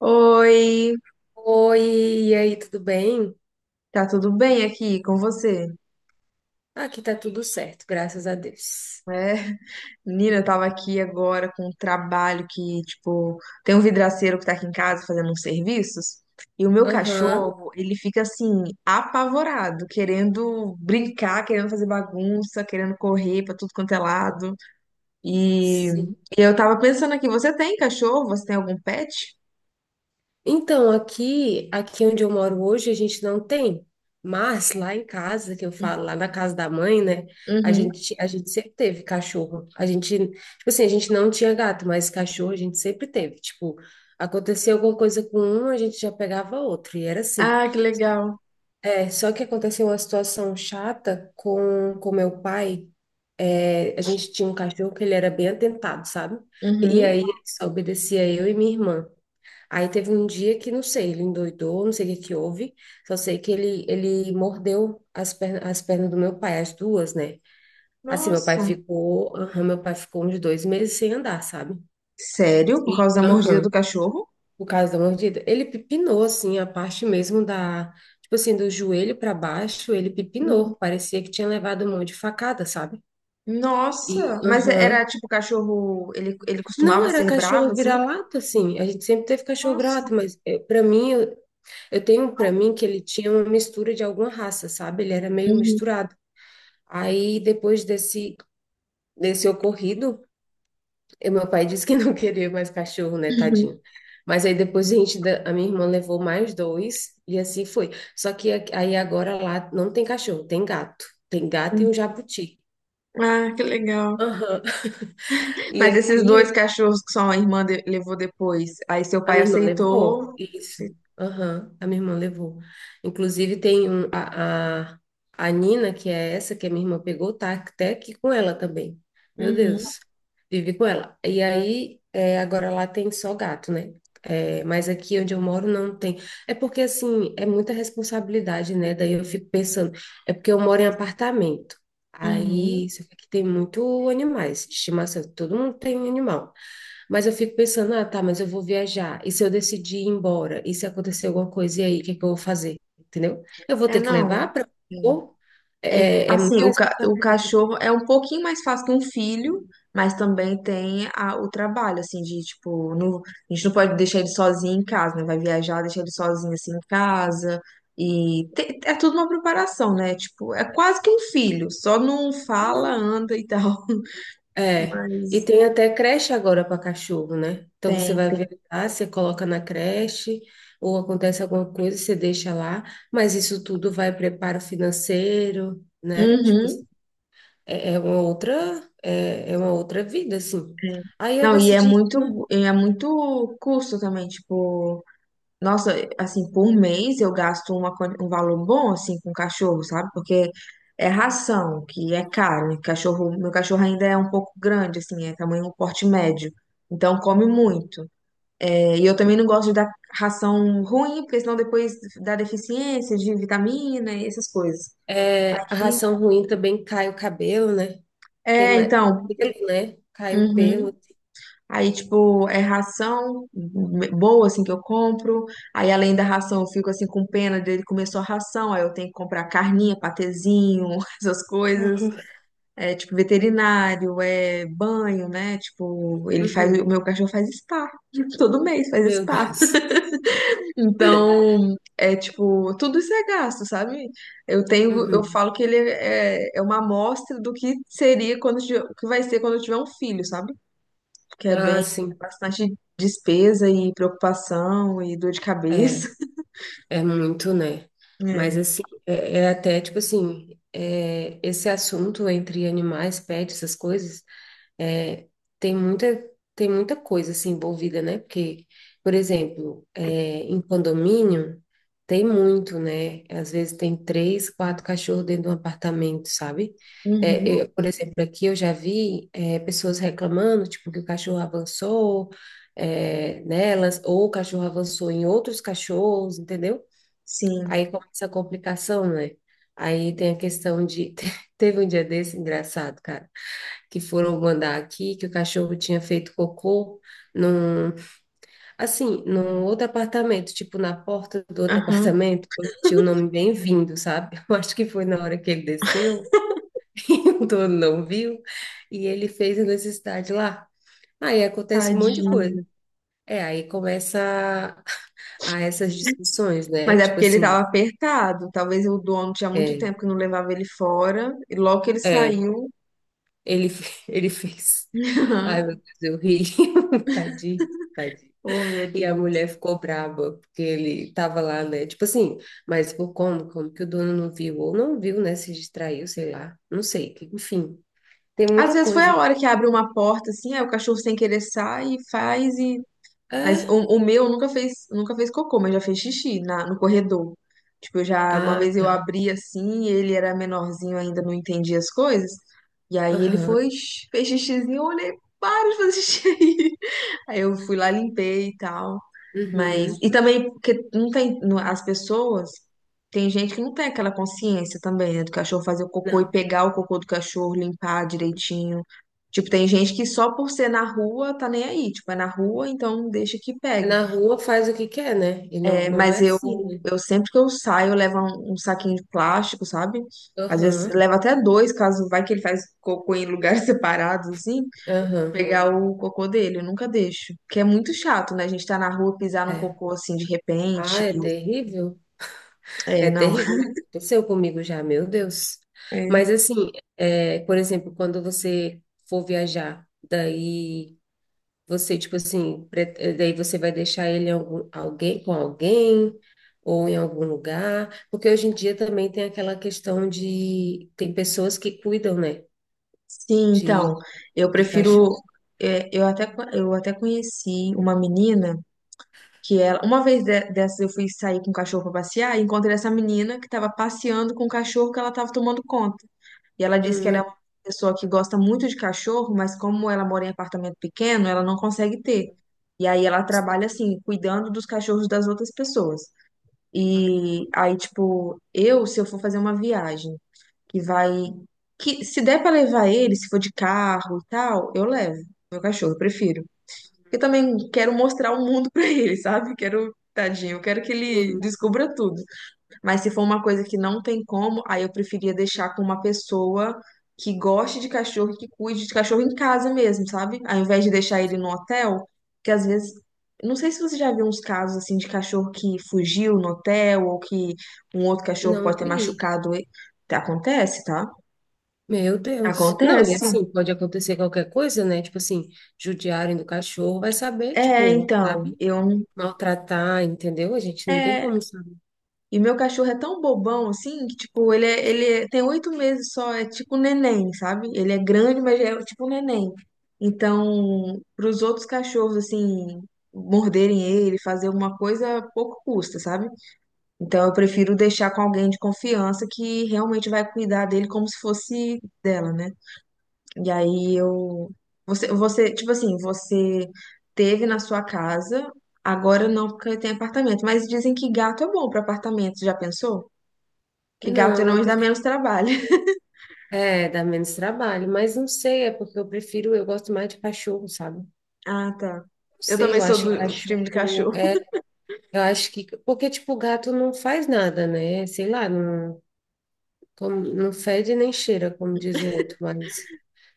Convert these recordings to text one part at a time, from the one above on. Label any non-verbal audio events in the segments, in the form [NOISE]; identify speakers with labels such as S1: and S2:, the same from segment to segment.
S1: Oi,
S2: Oi, e aí, tudo bem?
S1: tá tudo bem aqui com você?
S2: Aqui tá tudo certo, graças a Deus.
S1: É, menina, eu tava aqui agora com um trabalho que, tipo, tem um vidraceiro que tá aqui em casa fazendo uns serviços e o meu
S2: Aham,
S1: cachorro, ele fica assim, apavorado, querendo brincar, querendo fazer bagunça, querendo correr pra tudo quanto é lado. E, e
S2: sim.
S1: eu tava pensando aqui, você tem cachorro? Você tem algum pet?
S2: Então, aqui onde eu moro hoje, a gente não tem, mas lá em casa, que eu falo, lá na casa da mãe, né? A
S1: Uhum.
S2: gente, a gente sempre teve cachorro. A gente, tipo assim, a gente não tinha gato, mas cachorro a gente sempre teve. Tipo, acontecia alguma coisa com um, a gente já pegava outro, e era assim.
S1: Ah, que legal.
S2: É, só que aconteceu uma situação chata com meu pai. É, a gente tinha um cachorro que ele era bem atentado, sabe? E
S1: Uhum.
S2: aí ele só obedecia eu e minha irmã. Aí teve um dia que, não sei, ele endoidou, não sei o que que houve, só sei que ele mordeu as pernas do meu pai, as duas, né? Assim, meu pai
S1: Nossa.
S2: ficou, aham, meu pai ficou uns dois meses sem andar, sabe?
S1: Sério? Por
S2: E,
S1: causa da mordida do
S2: aham,
S1: cachorro?
S2: por causa da mordida. Ele pipinou, assim, a parte mesmo da, tipo assim, do joelho para baixo, ele pipinou, parecia que tinha levado um monte de facada, sabe? E,
S1: Nossa, mas é, era
S2: aham.
S1: tipo cachorro, ele
S2: Não,
S1: costumava
S2: era
S1: ser bravo
S2: cachorro
S1: assim?
S2: vira-lata, assim. A gente sempre teve cachorro
S1: Nossa.
S2: vira-lata, mas para mim, eu tenho para mim que ele tinha uma mistura de alguma raça, sabe? Ele era meio
S1: Uhum,
S2: misturado. Aí, depois desse ocorrido, meu pai disse que não [LAUGHS] queria mais cachorro, né,
S1: uhum,
S2: tadinho. Mas aí depois a gente, a minha irmã levou mais dois e assim foi. Só que aí agora lá não tem cachorro, tem gato. Tem gato e um
S1: uhum.
S2: jabuti.
S1: Ah, que legal.
S2: Aham. [LAUGHS] E
S1: Mas esses dois
S2: aqui
S1: cachorros que sua irmã levou depois, aí seu
S2: a
S1: pai
S2: minha irmã levou,
S1: aceitou?
S2: isso.
S1: Acei-
S2: Aham, a minha irmã levou. Inclusive, tem um, a Nina, que é essa que a minha irmã pegou, tá até aqui com ela também. Meu
S1: Uhum,
S2: Deus, vive com ela. E aí, é, agora lá tem só gato, né? É, mas aqui onde eu moro não tem. É porque, assim, é muita responsabilidade, né? Daí eu fico pensando, é porque eu moro em apartamento.
S1: uhum.
S2: Aí, só que aqui tem muito animais de estimação, todo mundo tem animal. Mas eu fico pensando, ah, tá, mas eu vou viajar. E se eu decidir ir embora? E se acontecer alguma coisa, e aí, o que é que eu vou fazer? Entendeu? Eu vou
S1: É,
S2: ter que
S1: não.
S2: levar para. É,
S1: É,
S2: é
S1: assim,
S2: muita
S1: o
S2: responsabilidade.
S1: cachorro é um pouquinho mais fácil que um filho, mas também tem o trabalho, assim, de, tipo, a gente não pode deixar ele sozinho em casa, né? Vai viajar, deixar ele sozinho, assim, em casa. E é tudo uma preparação, né? Tipo, é quase que um filho, só não
S2: É,
S1: fala,
S2: não.
S1: anda e tal, [LAUGHS]
S2: É. E
S1: mas
S2: tem até creche agora para cachorro, né? Então você
S1: tem.
S2: vai viajar, você coloca na creche, ou acontece alguma coisa, você deixa lá, mas isso tudo vai preparo financeiro, né? Tipo,
S1: Uhum.
S2: é uma outra, é uma outra vida, assim.
S1: É.
S2: Aí eu
S1: Não, e
S2: decidi que não.
S1: é muito custo também, tipo. Nossa, assim, por um mês eu gasto uma, um valor bom, assim, com cachorro, sabe? Porque é ração, que é caro. E cachorro, meu cachorro ainda é um pouco grande, assim, é tamanho porte médio. Então come
S2: Uhum.
S1: muito. E eu também não gosto de dar ração ruim, porque senão depois dá deficiência de vitamina e essas coisas.
S2: É, a
S1: E-
S2: ração ruim também cai o cabelo, né? Tem
S1: é,
S2: mais
S1: então,
S2: pelo, né? Cai o
S1: uhum.
S2: pelo.
S1: Aí, tipo, é ração boa, assim, que eu compro. Aí, além da ração, eu fico, assim, com pena dele comer só ração. Aí, eu tenho que comprar carninha, patezinho, [LAUGHS] essas coisas.
S2: Uhum.
S1: É, tipo, veterinário, é banho, né? Tipo, ele faz, o meu
S2: Uhum.
S1: cachorro faz spa. [LAUGHS] Todo mês faz
S2: Meu
S1: spa.
S2: Deus.
S1: Então, é, tipo, tudo isso é gasto, sabe? Eu tenho, eu
S2: Uhum.
S1: falo que ele é, é uma amostra do que seria quando, que vai ser quando eu tiver um filho, sabe? Que é bem,
S2: Ah,
S1: é
S2: sim.
S1: bastante despesa e preocupação e dor de
S2: É,
S1: cabeça. [LAUGHS]
S2: é muito, né? Mas
S1: É.
S2: assim, é até tipo assim, é, esse assunto entre animais, pets, essas coisas. É, tem muita, tem muita coisa assim envolvida, né? Porque, por exemplo, é, em condomínio tem muito, né? Às vezes tem três, quatro cachorros dentro de um apartamento, sabe?
S1: Uhum,
S2: É, eu, por exemplo, aqui eu já vi é, pessoas reclamando, tipo, que o cachorro avançou é, nelas, ou o cachorro avançou em outros cachorros, entendeu?
S1: sim.
S2: Aí começa a complicação, né? Aí tem a questão de. [LAUGHS] Teve um dia desse engraçado, cara que foram mandar aqui, que o cachorro tinha feito cocô num, assim, num outro apartamento, tipo na porta do outro
S1: Aham,
S2: apartamento, [LAUGHS] onde tinha o nome Bem-vindo, sabe? [LAUGHS] Eu acho que foi na hora que ele desceu, [LAUGHS] e o dono não viu, e ele fez a necessidade lá. Aí acontece um monte de
S1: tadinho.
S2: coisa. É, aí começa a essas discussões, né?
S1: Mas é
S2: Tipo
S1: porque ele estava
S2: assim,
S1: apertado. Talvez o dono tinha muito
S2: é,
S1: tempo que não levava ele fora. E logo que ele
S2: é,
S1: saiu.
S2: ele, [LAUGHS] ele fez. Ai, meu
S1: [LAUGHS]
S2: Deus, eu ri. [LAUGHS] Tadinho, tadinho.
S1: Oh, meu
S2: E a
S1: Deus.
S2: mulher ficou braba, porque ele tava lá, né? Tipo assim, mas por como? Como que o dono não viu? Ou não viu, né? Se distraiu, sei lá. Não sei. Enfim, tem
S1: Às
S2: muita
S1: vezes foi
S2: coisa.
S1: a hora que abre uma porta assim, aí o cachorro sem querer sai e faz e Mas
S2: Ah,
S1: o, o meu nunca fez, nunca fez cocô, mas já fez xixi no corredor. Tipo, eu já uma
S2: ah,
S1: vez eu
S2: tá.
S1: abri assim, e ele era menorzinho ainda, não entendia as coisas. E aí ele foi,
S2: Aham.
S1: fez xixizinho, eu olhei, para de fazer xixi aí. [LAUGHS] Aí eu fui lá, limpei e tal. Mas, e
S2: Uhum.
S1: também, porque não tem, as pessoas, tem gente que não tem aquela consciência também, né, do cachorro fazer o cocô e
S2: Não.
S1: pegar o cocô do cachorro, limpar direitinho. Tipo, tem gente que só por ser na rua tá nem aí, tipo, é na rua, então deixa que
S2: É,
S1: pegue.
S2: na rua faz o que quer, né? E não,
S1: É,
S2: não
S1: mas
S2: é assim, né?
S1: eu sempre que eu saio, eu levo um saquinho de plástico, sabe? Às vezes
S2: Aham.
S1: leva até dois, caso vai que ele faz cocô em lugares [LAUGHS] separados, assim, pra
S2: Aham.
S1: pegar o cocô dele, eu nunca deixo. Porque é muito chato, né? A gente tá na rua pisar num
S2: É.
S1: cocô assim de
S2: Ah,
S1: repente.
S2: é terrível.
S1: É,
S2: É
S1: não.
S2: terrível.
S1: [LAUGHS]
S2: Aconteceu comigo já, meu Deus.
S1: É.
S2: Mas assim, é, por exemplo, quando você for viajar, daí. Você, tipo assim, daí você vai deixar ele em algum, alguém, com alguém ou em algum lugar, porque hoje em dia também tem aquela questão de tem pessoas que cuidam, né,
S1: Sim, então,
S2: de,
S1: eu
S2: de
S1: prefiro.
S2: cachorro.
S1: É, eu até, eu até conheci uma menina que ela. Uma vez dessas eu fui sair com o cachorro pra passear e encontrei essa menina que tava passeando com o cachorro que ela tava tomando conta. E ela disse que ela é
S2: Uhum.
S1: uma pessoa que gosta muito de cachorro, mas como ela mora em apartamento pequeno, ela não consegue ter. E aí ela
S2: Sim,
S1: trabalha assim, cuidando dos cachorros das outras pessoas. E aí, tipo, eu, se eu for fazer uma viagem. Que vai. Que se der pra levar ele, se for de carro e tal, eu levo. Meu cachorro, eu prefiro. Eu também quero mostrar o mundo [LAUGHS] pra ele, sabe? Quero, tadinho, eu quero que ele descubra tudo. Mas se for uma coisa que não tem como, aí eu preferia deixar com uma pessoa que goste de cachorro, e que cuide de cachorro em casa mesmo, sabe? Ao invés de deixar ele no
S2: sim.
S1: hotel, que às vezes. Não sei se você já viu uns casos assim de cachorro que fugiu no hotel ou que um outro cachorro
S2: Não
S1: pode ter
S2: vi.
S1: machucado ele. Acontece, tá?
S2: Meu Deus. Não, e
S1: Acontece.
S2: assim, pode acontecer qualquer coisa, né? Tipo assim, judiarem do cachorro, vai saber,
S1: É,
S2: tipo,
S1: então,
S2: sabe?
S1: eu.
S2: Maltratar, entendeu? A gente não tem
S1: É,
S2: como saber.
S1: e meu cachorro é tão bobão assim que, tipo, ele, é, tem 8 meses só, é tipo um neném, sabe? Ele é grande, mas é tipo um neném. Então, para os outros cachorros, assim, morderem ele, fazer alguma coisa, pouco custa, sabe? Então, eu prefiro deixar com alguém de confiança que realmente vai cuidar dele como se fosse dela, né? E aí eu. Você, tipo assim, você teve na sua casa, agora não porque tem apartamento, mas dizem que gato é bom para apartamento, já pensou? Que gato
S2: Não.
S1: geralmente dá menos trabalho. [LAUGHS]
S2: É, dá menos trabalho, mas não sei, é porque eu prefiro, eu gosto mais de cachorro, sabe? Não
S1: Ah, tá. Eu
S2: sei,
S1: também
S2: eu
S1: sou
S2: acho que
S1: do time de
S2: cachorro
S1: cachorro.
S2: é, eu acho que, porque tipo, gato não faz nada, né? Sei lá, não, como- não fede nem cheira, como diz o outro, mas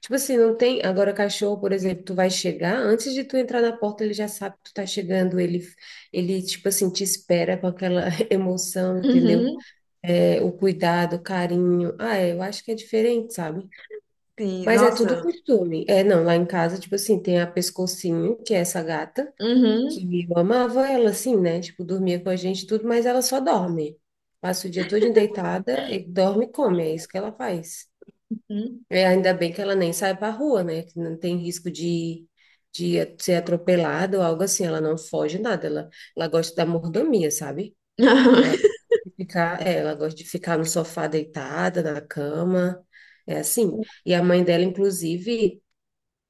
S2: tipo assim, não tem, agora cachorro, por exemplo, tu vai chegar, antes de tu entrar na porta, ele já sabe que tu tá chegando, ele tipo assim te espera com aquela [LAUGHS] emoção, entendeu?
S1: Uhum,
S2: É, o cuidado, o carinho. Ah, é, eu acho que é diferente, sabe?
S1: sim,
S2: Mas é tudo
S1: nossa.
S2: costume. É, não, lá em casa, tipo assim, tem a Pescocinho, que é essa gata,
S1: Uhum,
S2: que eu amava ela, assim, né? Tipo, dormia com a gente e tudo, mas ela só dorme. Passa o dia todo deitada, e dorme e come, é isso que ela faz.
S1: uhum.
S2: É, ainda bem que ela nem sai pra rua, né? Que não tem risco de ser atropelada ou algo assim. Ela não foge nada, ela gosta da mordomia, sabe? Ela,
S1: [LAUGHS]
S2: ficar, é, ela gosta de ficar no sofá deitada, na cama, é assim. E a mãe dela, inclusive.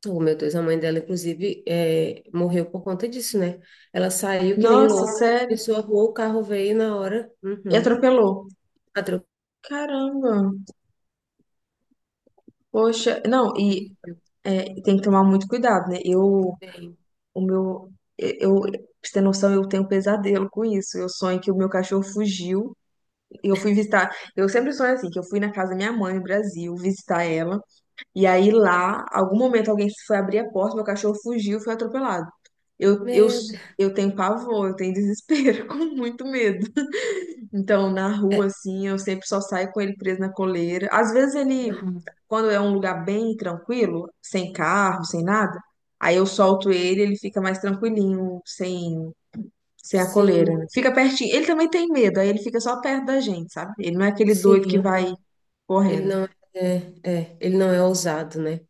S2: Oh, meu Deus, a mãe dela, inclusive, é, morreu por conta disso, né? Ela saiu que nem
S1: Nossa,
S2: louca,
S1: sério.
S2: atravessou a rua, o carro veio na hora.
S1: E
S2: Uhum.
S1: atropelou.
S2: Atropelou.
S1: Caramba. Poxa, não, e
S2: Terrível,
S1: é, tem que tomar muito cuidado, né? Eu
S2: bem.
S1: o meu, eu, pra você ter noção, eu tenho um pesadelo com isso. Eu sonho que o meu cachorro fugiu. Eu fui visitar. Eu sempre sonho assim, que eu fui na casa da minha mãe no Brasil visitar ela. E aí lá, algum momento alguém foi abrir a porta, meu cachorro fugiu, e foi atropelado. Eu, eu,
S2: Meu Deus.
S1: eu tenho pavor, eu tenho desespero, [LAUGHS] com muito medo. Então, na rua,
S2: É,
S1: assim, eu sempre só saio com ele preso na coleira. Às vezes ele,
S2: uhum.
S1: quando é um lugar bem tranquilo, sem carro, sem nada, aí eu solto ele, ele fica mais tranquilinho, sem a coleira, né?
S2: Sim,
S1: Fica pertinho. Ele também tem medo, aí ele fica só perto da gente, sabe? Ele não é aquele doido
S2: sim,
S1: que vai
S2: aham. Ele
S1: correndo.
S2: não é, ele não é ousado, né?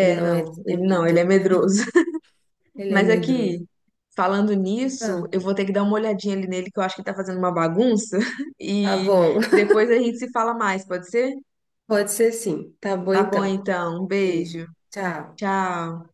S2: Ele não é
S1: não, ele não, ele é
S2: destemido.
S1: medroso. [LAUGHS]
S2: Ele é
S1: Mas
S2: medroso.
S1: aqui, falando nisso,
S2: Ah,
S1: eu vou ter que dar uma olhadinha ali nele, que eu acho que ele tá fazendo uma bagunça. [LAUGHS]
S2: tá
S1: E
S2: bom. [LAUGHS]
S1: depois a gente se fala mais, pode ser?
S2: Pode ser sim. Tá bom,
S1: Tá bom,
S2: então.
S1: então. Um
S2: Beijo.
S1: beijo.
S2: Tchau.
S1: Tchau.